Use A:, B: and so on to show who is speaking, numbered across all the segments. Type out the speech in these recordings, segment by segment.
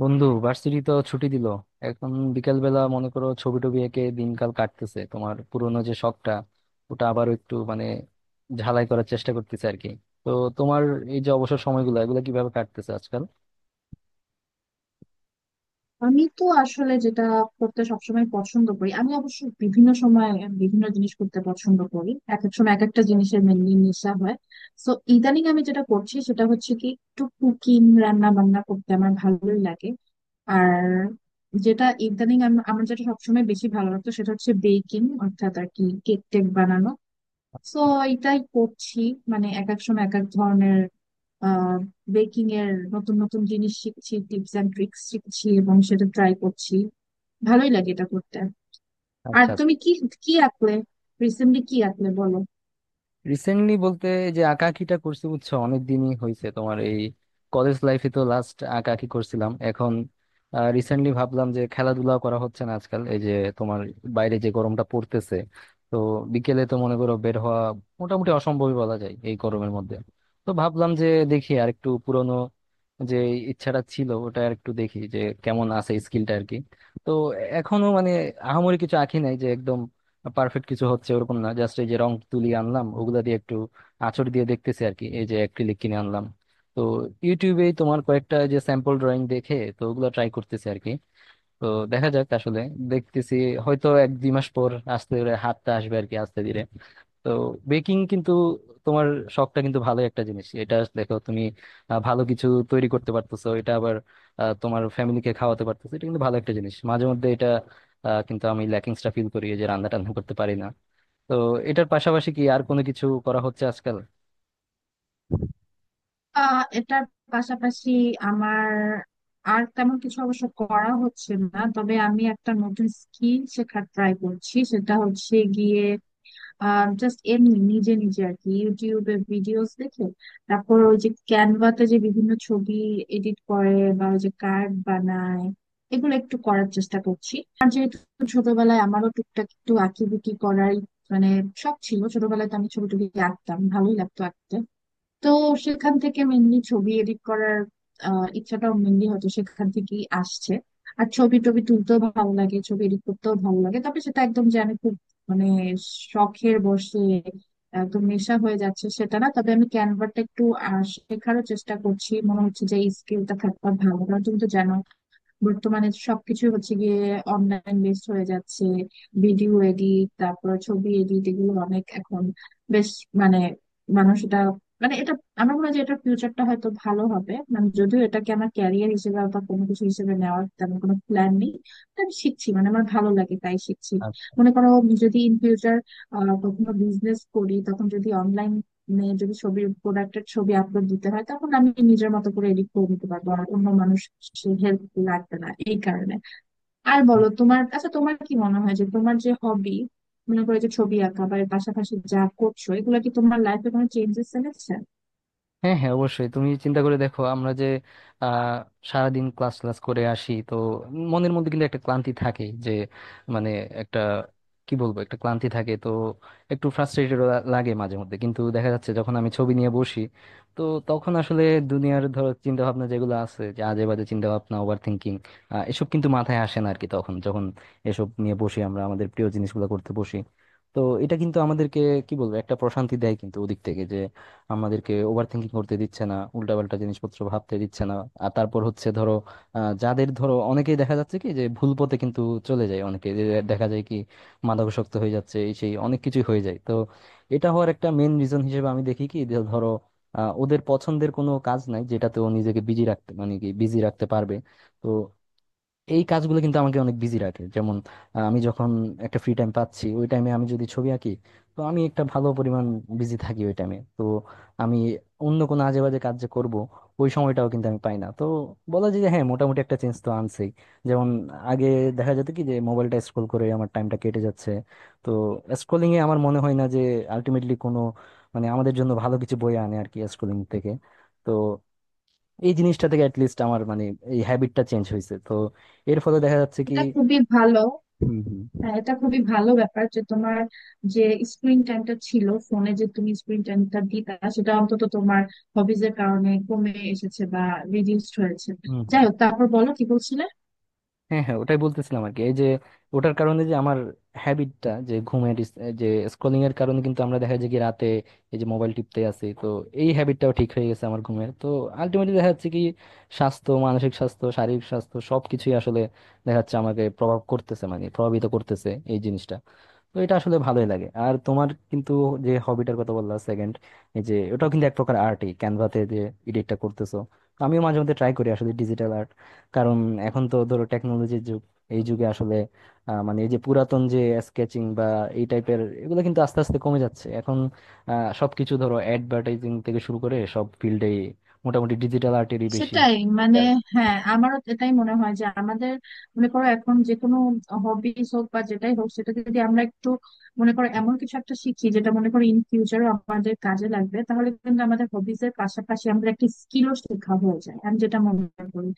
A: বন্ধু, ভার্সিটি তো ছুটি দিল। এখন বিকেল বেলা মনে করো ছবি টবি এঁকে দিনকাল কাটতেছে তোমার পুরোনো যে শখটা ওটা আবার একটু মানে ঝালাই করার চেষ্টা করতেছে আর কি। তো তোমার এই যে অবসর সময়গুলো এগুলো কিভাবে কাটতেছে আজকাল?
B: আমি তো আসলে যেটা করতে সবসময় পছন্দ করি। আমি অবশ্য বিভিন্ন সময় বিভিন্ন জিনিস করতে পছন্দ করি, এক এক সময় এক একটা জিনিসের মেনলি নেশা হয়। তো ইদানিং আমি যেটা করছি সেটা হচ্ছে কি, একটু কুকিং, রান্না বান্না করতে আমার ভালোই লাগে। আর যেটা ইদানিং আমার যেটা সবসময় বেশি ভালো লাগতো সেটা হচ্ছে বেকিং, অর্থাৎ আর কি কেক টেক বানানো। সো এটাই করছি। মানে এক এক সময় এক এক ধরনের আহ বেকিং এর নতুন নতুন জিনিস শিখছি, টিপস এন্ড ট্রিক্স শিখছি এবং সেটা ট্রাই করছি। ভালোই লাগে এটা করতে। আর
A: আচ্ছা,
B: তুমি কি কি আঁকলে রিসেন্টলি কি আঁকলে বলো।
A: রিসেন্টলি বলতে যে আঁকাআঁকিটা করছি বুঝছো অনেক দিনই হয়েছে তোমার। এই কলেজ লাইফে তো লাস্ট আঁকাআঁকি করছিলাম। এখন রিসেন্টলি ভাবলাম যে খেলাধুলা করা হচ্ছে না আজকাল এই যে তোমার বাইরে যে গরমটা পড়তেছে। তো বিকেলে তো মনে করো বের হওয়া মোটামুটি অসম্ভবই বলা যায় এই গরমের মধ্যে। তো ভাবলাম যে দেখি আর একটু পুরনো যে ইচ্ছাটা ছিল ওটা আর একটু দেখি যে কেমন আছে স্কিলটা আর কি। তো এখনো মানে আহামরি কিছু আঁকি নাই, যে একদম পারফেক্ট কিছু হচ্ছে ওরকম না। জাস্ট এই যে রং তুলি আনলাম ওগুলা দিয়ে একটু আঁচড় দিয়ে দেখতেছি আর কি, এই যে অ্যাক্রিলিক কিনে আনলাম। তো ইউটিউবে তোমার কয়েকটা যে স্যাম্পল ড্রয়িং দেখে তো ওগুলো ট্রাই করতেছি আর কি। তো দেখা যাক আসলে, দেখতেছি হয়তো 1-2 মাস পর আস্তে করে হাতটা আসবে আর কি, আস্তে ধীরে। তো বেকিং কিন্তু তোমার শখটা কিন্তু ভালো একটা জিনিস। এটা দেখো তুমি ভালো কিছু তৈরি করতে পারতেছো এটা, আবার তোমার ফ্যামিলিকে খাওয়াতে পারতেছো। এটা কিন্তু ভালো একটা জিনিস মাঝে মধ্যে এটা। কিন্তু আমি ল্যাকিংসটা ফিল করি এই যে রান্না টান্না করতে পারি না। তো এটার পাশাপাশি কি আর কোনো কিছু করা হচ্ছে আজকাল?
B: এটার পাশাপাশি আমার আর তেমন কিছু অবশ্য করা হচ্ছে না, তবে আমি একটা নতুন স্কিল শেখার ট্রাই করছি। সেটা হচ্ছে গিয়ে, জাস্ট এমনি নিজে নিজে আর কি ইউটিউবে ভিডিওস দেখে তারপর ওই যে ক্যানভাতে যে বিভিন্ন ছবি এডিট করে বা ওই যে কার্ড বানায়, এগুলো একটু করার চেষ্টা করছি। আর যেহেতু ছোটবেলায় আমারও টুকটাক একটু আঁকিবুকি করার মানে শখ ছিল, ছোটবেলায় তো আমি ছবি টবি আঁকতাম, ভালোই লাগতো আঁকতে। তো সেখান থেকে মেনলি ছবি এডিট করার ইচ্ছাটাও মেনলি হয়তো সেখান থেকেই আসছে। আর ছবি টবি তুলতেও ভালো লাগে, ছবি এডিট করতেও ভালো লাগে, তবে সেটা একদম যে আমি খুব মানে শখের বসে একদম নেশা হয়ে যাচ্ছে সেটা না। তবে আমি ক্যানভাটা একটু শেখারও চেষ্টা করছি। মনে হচ্ছে যে এই স্কিলটা থাকবা ভালো, কারণ তুমি তো জানো বর্তমানে সবকিছু হচ্ছে গিয়ে অনলাইন বেসড হয়ে যাচ্ছে। ভিডিও এডিট, তারপর ছবি এডিট, এগুলো অনেক এখন বেশ মানে মানুষ এটা মানে এটা আমার মনে হয় যে এটার ফিউচারটা হয়তো ভালো হবে। মানে যদিও এটাকে আমার ক্যারিয়ার হিসেবে বা কোনো কিছু হিসেবে নেওয়ার তেমন কোনো প্ল্যান নেই। তো আমি শিখছি, মানে আমার ভালো লাগে তাই শিখছি। মনে করো আমি যদি ইন ফিউচার কখনো বিজনেস করি, তখন যদি অনলাইন মানে যদি ছবির প্রোডাক্টের ছবি আপলোড দিতে হয়, তখন আমি নিজের মতো করে এডিট করে নিতে পারবো, আর অন্য মানুষ হেল্প লাগবে না এই কারণে। আর বলো তোমার, আচ্ছা তোমার কি মনে হয় যে তোমার যে হবি, মনে করো যে ছবি আঁকা বা এর পাশাপাশি যা করছো, এগুলো কি তোমার লাইফে কোনো চেঞ্জেস এনেছে?
A: হ্যাঁ, হ্যাঁ, অবশ্যই। তুমি চিন্তা করে দেখো আমরা যে আহ সারাদিন ক্লাস ক্লাস করে আসি, তো মনের মধ্যে কিন্তু একটা ক্লান্তি থাকে যে মানে একটা কি বলবো একটা ক্লান্তি থাকে। তো একটু ফ্রাস্ট্রেটেড লাগে মাঝে মধ্যে, কিন্তু দেখা যাচ্ছে যখন আমি ছবি নিয়ে বসি তো তখন আসলে দুনিয়ার ধরো চিন্তা ভাবনা যেগুলো আছে, যে আজে বাজে চিন্তা ভাবনা, ওভার থিঙ্কিং, এসব কিন্তু মাথায় আসে না আর কি। তখন যখন এসব নিয়ে বসি আমরা আমাদের প্রিয় জিনিসগুলো করতে বসি, তো এটা কিন্তু আমাদেরকে কি বলবো একটা প্রশান্তি দেয়। কিন্তু ওদিক থেকে আমাদেরকে ওভার থিঙ্কিং করতে দিচ্ছে না, উল্টাপাল্টা জিনিসপত্র ভাবতে দিচ্ছে না। আর তারপর হচ্ছে ধরো যাদের ধরো অনেকেই দেখা যাচ্ছে কি যে ভুল পথে কিন্তু চলে যায়, অনেকে যে দেখা যায় কি মাদকাসক্ত হয়ে যাচ্ছে এই সেই অনেক কিছুই হয়ে যায়। তো এটা হওয়ার একটা মেন রিজন হিসেবে আমি দেখি কি যে ধরো ওদের পছন্দের কোনো কাজ নাই যেটাতে ও নিজেকে বিজি রাখতে মানে কি বিজি রাখতে পারবে। তো এই কাজগুলো কিন্তু আমাকে অনেক বিজি রাখে। যেমন আমি যখন একটা ফ্রি টাইম পাচ্ছি ওই টাইমে আমি যদি ছবি আঁকি তো আমি একটা ভালো পরিমাণ বিজি থাকি ওই টাইমে। তো আমি অন্য কোনো আজে বাজে কাজ যে করবো ওই সময়টাও কিন্তু আমি পাই না। তো বলা যায় যে হ্যাঁ, মোটামুটি একটা চেঞ্জ তো আনছেই। যেমন আগে দেখা যেত কি যে মোবাইলটা স্ক্রোল করে আমার টাইমটা কেটে যাচ্ছে। তো স্ক্রোলিং এ আমার মনে হয় না যে আলটিমেটলি কোনো মানে আমাদের জন্য ভালো কিছু বয়ে আনে আর কি স্ক্রোলিং থেকে। তো এই জিনিসটা থেকে অ্যাটলিস্ট আমার মানে এই হ্যাবিটটা চেঞ্জ হয়েছে। তো এর ফলে দেখা যাচ্ছে কি।
B: এটা খুবই ভালো।
A: হুম, হুম।
B: হ্যাঁ, এটা খুবই ভালো ব্যাপার যে তোমার যে স্ক্রিন টাইমটা ছিল ফোনে, যে তুমি স্ক্রিন টাইমটা দিতা, সেটা অন্তত তোমার হবিজের কারণে কমে এসেছে বা রিডিউসড হয়েছে।
A: হুম, হুম।
B: যাই হোক, তারপর বলো কি বলছিলে।
A: হ্যাঁ, হ্যাঁ, ওটাই বলতেছিলাম আর কি। এই যে ওটার কারণে যে আমার হ্যাবিটটা যে ঘুমের এই যে স্ক্রলিং এর কারণে কিন্তু আমরা দেখা যায় কি রাতে এই যে মোবাইল টিপতে আছি, তো এই হ্যাবিটটাও ঠিক হয়ে গেছে আমার ঘুমের। তো আলটিমেটলি দেখা যাচ্ছে কি স্বাস্থ্য, মানসিক স্বাস্থ্য, শারীরিক স্বাস্থ্য সবকিছুই আসলে দেখা যাচ্ছে আমাকে প্রভাব করতেছে মানে প্রভাবিত করতেছে এই জিনিসটা। তো এটা আসলে ভালোই লাগে। আর তোমার কিন্তু যে হবিটার কথা বললা সেকেন্ড এই যে ওটাও কিন্তু এক প্রকার আর্টই, ক্যানভাতে যে এডিটটা করতেছো। আমিও মাঝে মধ্যে ট্রাই করি আসলে ডিজিটাল আর্ট, কারণ এখন তো ধরো টেকনোলজির যুগ। এই যুগে আসলে মানে এই যে পুরাতন যে স্কেচিং বা এই টাইপের এগুলো কিন্তু আস্তে আস্তে কমে যাচ্ছে এখন। সবকিছু ধরো অ্যাডভার্টাইজিং থেকে শুরু করে সব ফিল্ডেই মোটামুটি ডিজিটাল আর্টেরই বেশি।
B: সেটাই মানে হ্যাঁ, আমারও এটাই মনে হয় যে আমাদের মনে করো এখন যে কোনো হবিস হোক বা যেটাই হোক, সেটা যদি আমরা একটু মনে করো এমন কিছু একটা শিখি যেটা মনে করো ইন ফিউচারও আমাদের কাজে লাগবে, তাহলে কিন্তু আমাদের হবিস এর পাশাপাশি আমাদের একটা স্কিলও শেখা হয়ে যায়, আমি যেটা মনে করি।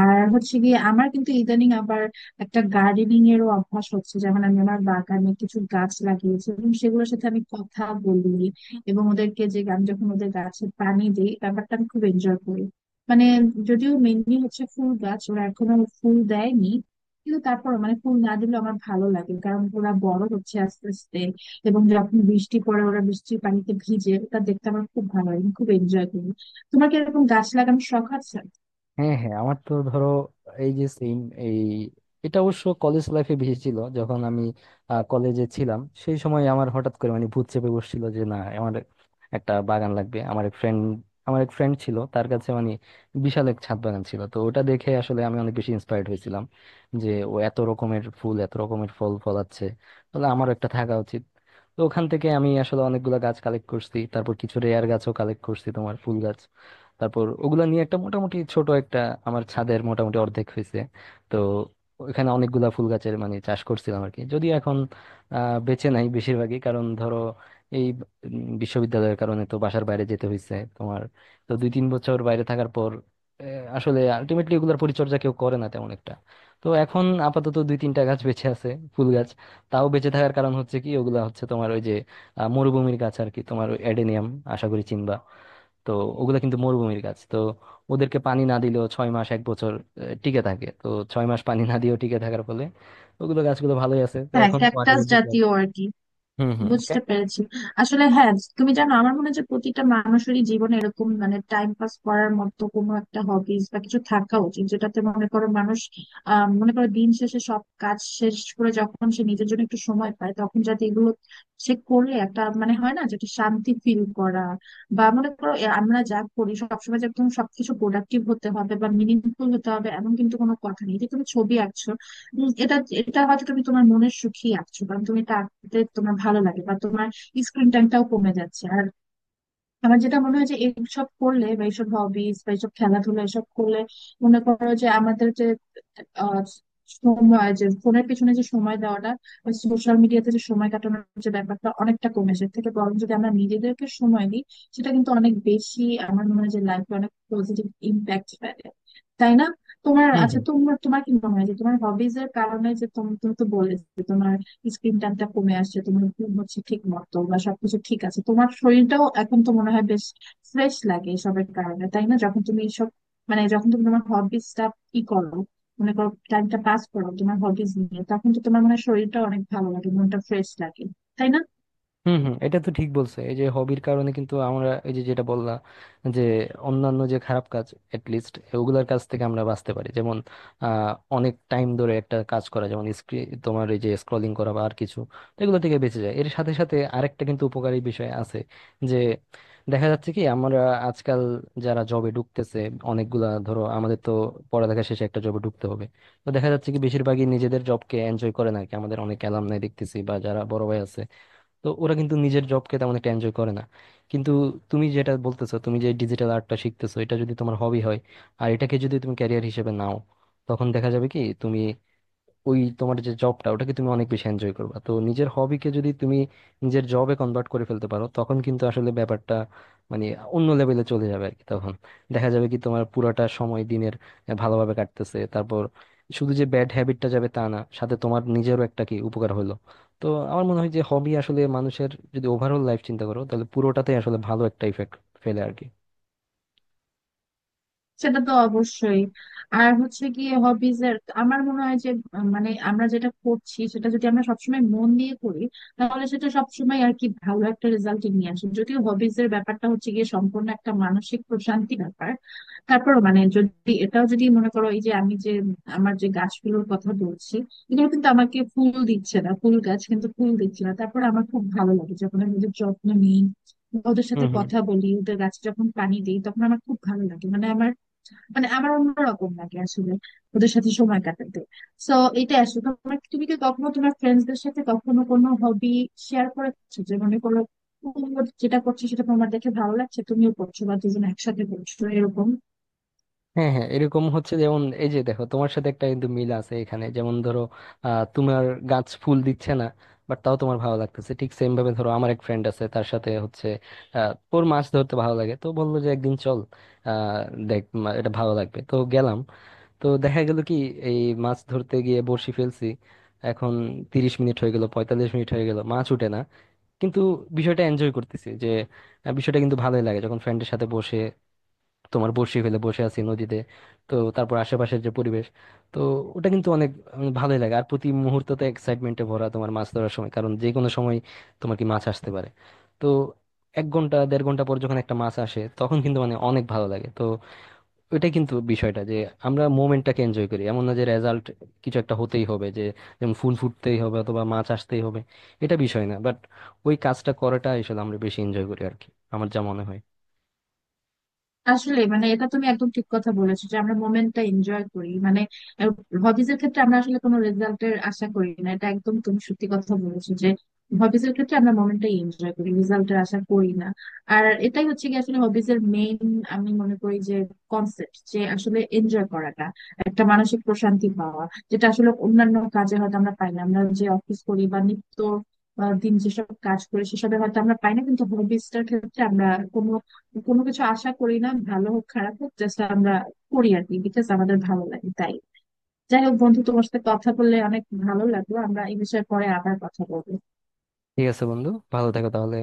B: আর হচ্ছে গিয়ে আমার কিন্তু ইদানিং আবার একটা গার্ডেনিং এরও অভ্যাস হচ্ছে। যেমন আমি আমার বাগানে কিছু গাছ লাগিয়েছি এবং সেগুলোর সাথে আমি কথা বলি, এবং ওদেরকে যে আমি যখন ওদের গাছে পানি দিই ব্যাপারটা আমি খুব এনজয় করি। মানে যদিও মেনলি হচ্ছে ফুল গাছ, ওরা এখনো ফুল দেয়নি, কিন্তু তারপর মানে ফুল না দিলে আমার ভালো লাগে কারণ ওরা বড় হচ্ছে আস্তে আস্তে। এবং যখন বৃষ্টি পড়ে ওরা বৃষ্টির পানিতে ভিজে, ওটা দেখতে আমার খুব ভালো লাগে, আমি খুব এনজয় করি। তোমার কি এরকম গাছ লাগানোর শখ আছে?
A: হ্যাঁ, হ্যাঁ, আমার তো ধরো এই যে সেম এই এটা অবশ্য কলেজ লাইফে বেশি ছিল। যখন আমি কলেজে ছিলাম সেই সময় আমার হঠাৎ করে মানে ভূত চেপে বসছিল যে না, আমার একটা বাগান লাগবে। আমার এক ফ্রেন্ড আমার এক ফ্রেন্ড ছিল তার কাছে মানে বিশাল এক ছাদ বাগান ছিল। তো ওটা দেখে আসলে আমি অনেক বেশি ইন্সপায়ার্ড হয়েছিলাম যে ও এত রকমের ফুল এত রকমের ফল ফলাচ্ছে, তাহলে আমারও একটা থাকা উচিত। তো ওখান থেকে আমি আসলে অনেকগুলা গাছ কালেক্ট করছি। তারপর কিছু রেয়ার গাছও কালেক্ট করছি তোমার ফুল গাছ। তারপর ওগুলা নিয়ে একটা মোটামুটি ছোট একটা আমার ছাদের মোটামুটি অর্ধেক হয়েছে। তো ওখানে অনেকগুলা ফুল গাছের মানে চাষ করছিলাম আর কি, যদি এখন বেঁচে নাই বেশিরভাগই কারণ ধরো এই বিশ্ববিদ্যালয়ের কারণে তো বাসার বাইরে যেতে হয়েছে তোমার। তো 2-3 বছর বাইরে থাকার পর আসলে আলটিমেটলি ওগুলার পরিচর্যা কেউ করে না তেমন একটা। তো এখন আপাতত 2-3টা গাছ বেঁচে আছে, ফুল গাছ। তাও বেঁচে থাকার কারণ হচ্ছে কি ওগুলা হচ্ছে তোমার ওই যে মরুভূমির গাছ আর কি, তোমার এডেনিয়াম, আশা করি চিনবা। তো ওগুলা কিন্তু মরুভূমির গাছ তো ওদেরকে পানি না দিলেও 6 মাস 1 বছর টিকে থাকে। তো 6 মাস পানি না দিয়েও টিকে থাকার ফলে ওগুলো গাছগুলো ভালোই আছে। তো
B: হ্যাঁ,
A: এখন মাটির
B: ক্যাকটাস
A: মধ্যে
B: জাতীয় আর কি,
A: হুম, হুম।
B: বুঝতে পেরেছি। আসলে হ্যাঁ, তুমি জানো আমার মনে হয় যে প্রতিটা মানুষেরই জীবনে এরকম মানে টাইম পাস করার মতো কোনো একটা হবিস বা কিছু থাকা উচিত, যেটাতে মনে করো মানুষ মনে করো দিন শেষে সব কাজ শেষ করে যখন সে নিজের জন্য একটু সময় পায়, তখন যাতে এগুলো সে করলে একটা মানে হয় না যেটা শান্তি ফিল করা। বা মনে করো এ আমরা যা করি সবসময় যে একদম সবকিছু প্রোডাক্টিভ হতে হবে বা মিনিংফুল হতে হবে এমন কিন্তু কোনো কথা নেই। যে তুমি ছবি আঁকছো, এটা এটা হয়তো তুমি তোমার মনের সুখেই আঁকছো কারণ তুমি এটা আঁকতে তোমার ভালো লাগে, বা তোমার স্ক্রিন টাইমটাও কমে যাচ্ছে। আর আমার যেটা মনে হয় যে এইসব করলে বা এইসব হবিস বা এইসব খেলাধুলা এসব করলে মনে করো যে আমাদের যে আহ, সময় যে ফোনের পিছনে যে সময় দেওয়াটা, সোশ্যাল মিডিয়াতে যে সময় কাটানোর যে ব্যাপারটা অনেকটা কমে আসে। এর থেকে বরং যদি আমরা নিজেদেরকে সময় দিই, সেটা কিন্তু অনেক বেশি আমার মনে হয় যে লাইফে অনেক পজিটিভ ইম্প্যাক্ট ফেলে, তাই না? তোমার আচ্ছা
A: Okay?
B: তোমার তোমার কি মনে হয় যে তোমার হবিজ এর কারণে যে তুমি, তুমি তো বললে যে তোমার স্ক্রিন টাইমটা কমে আসছে, তোমার ঘুম হচ্ছে ঠিক মতো বা সবকিছু ঠিক আছে, তোমার শরীরটাও এখন তো মনে হয় বেশ ফ্রেশ লাগে এসবের কারণে, তাই না? যখন তুমি এসব মানে যখন তুমি তোমার হবিসটা ই করো, মনে করো টাইমটা পাস করো তোমার হবিস নিয়ে, তখন তো তোমার মনে হয় শরীরটা অনেক ভালো লাগে, মনটা ফ্রেশ লাগে, তাই না?
A: হুম, হুম, এটা তো ঠিক বলছে এই যে হবির কারণে কিন্তু আমরা এই যে যেটা বললা যে অন্যান্য যে খারাপ কাজ এটলিস্ট ওগুলার কাছ থেকে আমরা বাঁচতে পারি। যেমন আহ অনেক টাইম ধরে একটা কাজ করা যেমন স্ক্রিন তোমার এই যে স্ক্রলিং করা বা আর কিছু, তো এগুলো থেকে বেঁচে যায়। এর সাথে সাথে আরেকটা কিন্তু উপকারী বিষয় আছে যে দেখা যাচ্ছে কি আমরা আজকাল যারা জবে ঢুকতেছে অনেকগুলা ধরো আমাদের তো পড়ালেখা শেষে একটা জবে ঢুকতে হবে। তো দেখা যাচ্ছে কি বেশিরভাগই নিজেদের জবকে এনজয় করে না আর কি। আমাদের অনেক অ্যালামনাই দেখতেছি বা যারা বড় ভাই আছে, তো ওরা কিন্তু নিজের জবকে তেমন একটা এনজয় করে না। কিন্তু তুমি যেটা বলতেছো তুমি যে ডিজিটাল আর্টটা শিখতেছো এটা যদি তোমার হবি হয় আর এটাকে যদি তুমি ক্যারিয়ার হিসেবে নাও তখন দেখা যাবে কি তুমি ওই তোমার যে জবটা ওটাকে তুমি অনেক বেশি এনজয় করবা। তো নিজের হবিকে যদি তুমি নিজের জবে কনভার্ট করে ফেলতে পারো তখন কিন্তু আসলে ব্যাপারটা মানে অন্য লেভেলে চলে যাবে আর কি। তখন দেখা যাবে কি তোমার পুরোটা সময় দিনের ভালোভাবে কাটতেছে। তারপর শুধু যে ব্যাড হ্যাবিটটা যাবে তা না, সাথে তোমার নিজেরও একটা কি উপকার হলো। তো আমার মনে হয় যে হবি আসলে মানুষের যদি ওভারঅল লাইফ চিন্তা করো তাহলে পুরোটাতে আসলে ভালো একটা ইফেক্ট ফেলে আর কি।
B: সেটা তো অবশ্যই। আর হচ্ছে কি হবিজ এর আমার মনে হয় যে মানে আমরা যেটা করছি সেটা যদি আমরা সবসময় মন দিয়ে করি, তাহলে সেটা সবসময় আর কি ভালো একটা রেজাল্ট নিয়ে আসে। যদিও হবিজ এর ব্যাপারটা হচ্ছে গিয়ে সম্পূর্ণ একটা মানসিক প্রশান্তি ব্যাপার। তারপর মানে যদি এটাও যদি মনে করো এই যে আমি যে আমার যে গাছগুলোর কথা বলছি, এগুলো কিন্তু আমাকে ফুল দিচ্ছে না, ফুল গাছ কিন্তু ফুল দিচ্ছে না, তারপর আমার খুব ভালো লাগে যখন আমি ওদের যত্ন নিই বা ওদের
A: হুম,
B: সাথে
A: হুম।
B: কথা বলি, ওদের গাছে যখন পানি দিই তখন আমার খুব ভালো লাগে, মানে আমার মানে আমার অন্যরকম লাগে আসলে ওদের সাথে সময় কাটাতে। তো এটা আসলে তোমার, তুমি কি কখনো তোমার ফ্রেন্ডসদের সাথে কখনো কোনো হবি শেয়ার করেছো? যে মনে করো তুমি যেটা করছো সেটা তোমার দেখে ভালো লাগছে, তুমিও করছো বা দুজন একসাথে করছো এরকম।
A: হ্যাঁ, হ্যাঁ, এরকম হচ্ছে যেমন এই যে দেখো তোমার সাথে একটা কিন্তু মিল আছে এখানে। যেমন ধরো তোমার গাছ ফুল দিচ্ছে না বাট তাও তোমার ভালো লাগতেছে। ঠিক সেম ভাবে ধরো আমার এক ফ্রেন্ড আছে তার সাথে হচ্ছে ওর মাছ ধরতে ভালো লাগে। তো বললো যে একদিন চল আহ দেখ এটা ভালো লাগবে। তো গেলাম, তো দেখা গেল কি এই মাছ ধরতে গিয়ে বড়শি ফেলছি। এখন 30 মিনিট হয়ে গেল 45 মিনিট হয়ে গেল মাছ উঠে না। কিন্তু বিষয়টা এনজয় করতেছি যে বিষয়টা কিন্তু ভালোই লাগে যখন ফ্রেন্ডের সাথে বসে তোমার বসি ফেলে বসে আছি নদীতে। তো তারপর আশেপাশের যে পরিবেশ তো ওটা কিন্তু অনেক ভালোই লাগে। আর প্রতি মুহূর্ত তো এক্সাইটমেন্টে ভরা তোমার মাছ ধরার সময় কারণ যে কোনো সময় তোমার কি মাছ আসতে পারে। তো 1 ঘন্টা দেড় ঘন্টা পর যখন একটা মাছ আসে তখন কিন্তু মানে অনেক ভালো লাগে। তো ওইটাই কিন্তু বিষয়টা যে আমরা মোমেন্টটাকে এনজয় করি, এমন না যে রেজাল্ট কিছু একটা হতেই হবে যে। যেমন ফুল ফুটতেই হবে অথবা মাছ আসতেই হবে এটা বিষয় না, বাট ওই কাজটা করাটা আসলে আমরা বেশি এনজয় করি আর কি, আমার যা মনে হয়।
B: আসলে মানে এটা তুমি একদম ঠিক কথা বলেছো যে আমরা মোমেন্টটা এনজয় করি। মানে হবিজ এর ক্ষেত্রে আমরা আসলে কোনো রেজাল্টের আশা করি না, এটা একদম তুমি সত্যি কথা বলেছো যে হবিজ এর ক্ষেত্রে আমরা মোমেন্টটাই এনজয় করি, রেজাল্টের আশা করি না। আর এটাই হচ্ছে কি আসলে হবিজ এর মেইন, আমি মনে করি যে কনসেপ্ট, যে আসলে এনজয় করাটা, একটা মানসিক প্রশান্তি পাওয়া, যেটা আসলে অন্যান্য কাজে হয়তো আমরা পাই না। আমরা যে অফিস করি বা নিত্য দিন যেসব কাজ করি সেসবে হয়তো আমরা পাই না, কিন্তু হবিজটার ক্ষেত্রে আমরা কোনো কোনো কিছু আশা করি না, ভালো হোক খারাপ হোক জাস্ট আমরা করি আর কি, বিকজ আমাদের ভালো লাগে তাই। যাই হোক বন্ধু, তোমার সাথে কথা বললে অনেক ভালো লাগলো, আমরা এই বিষয়ে পরে আবার কথা বলবো।
A: ঠিক আছে বন্ধু, ভালো থাকো তাহলে।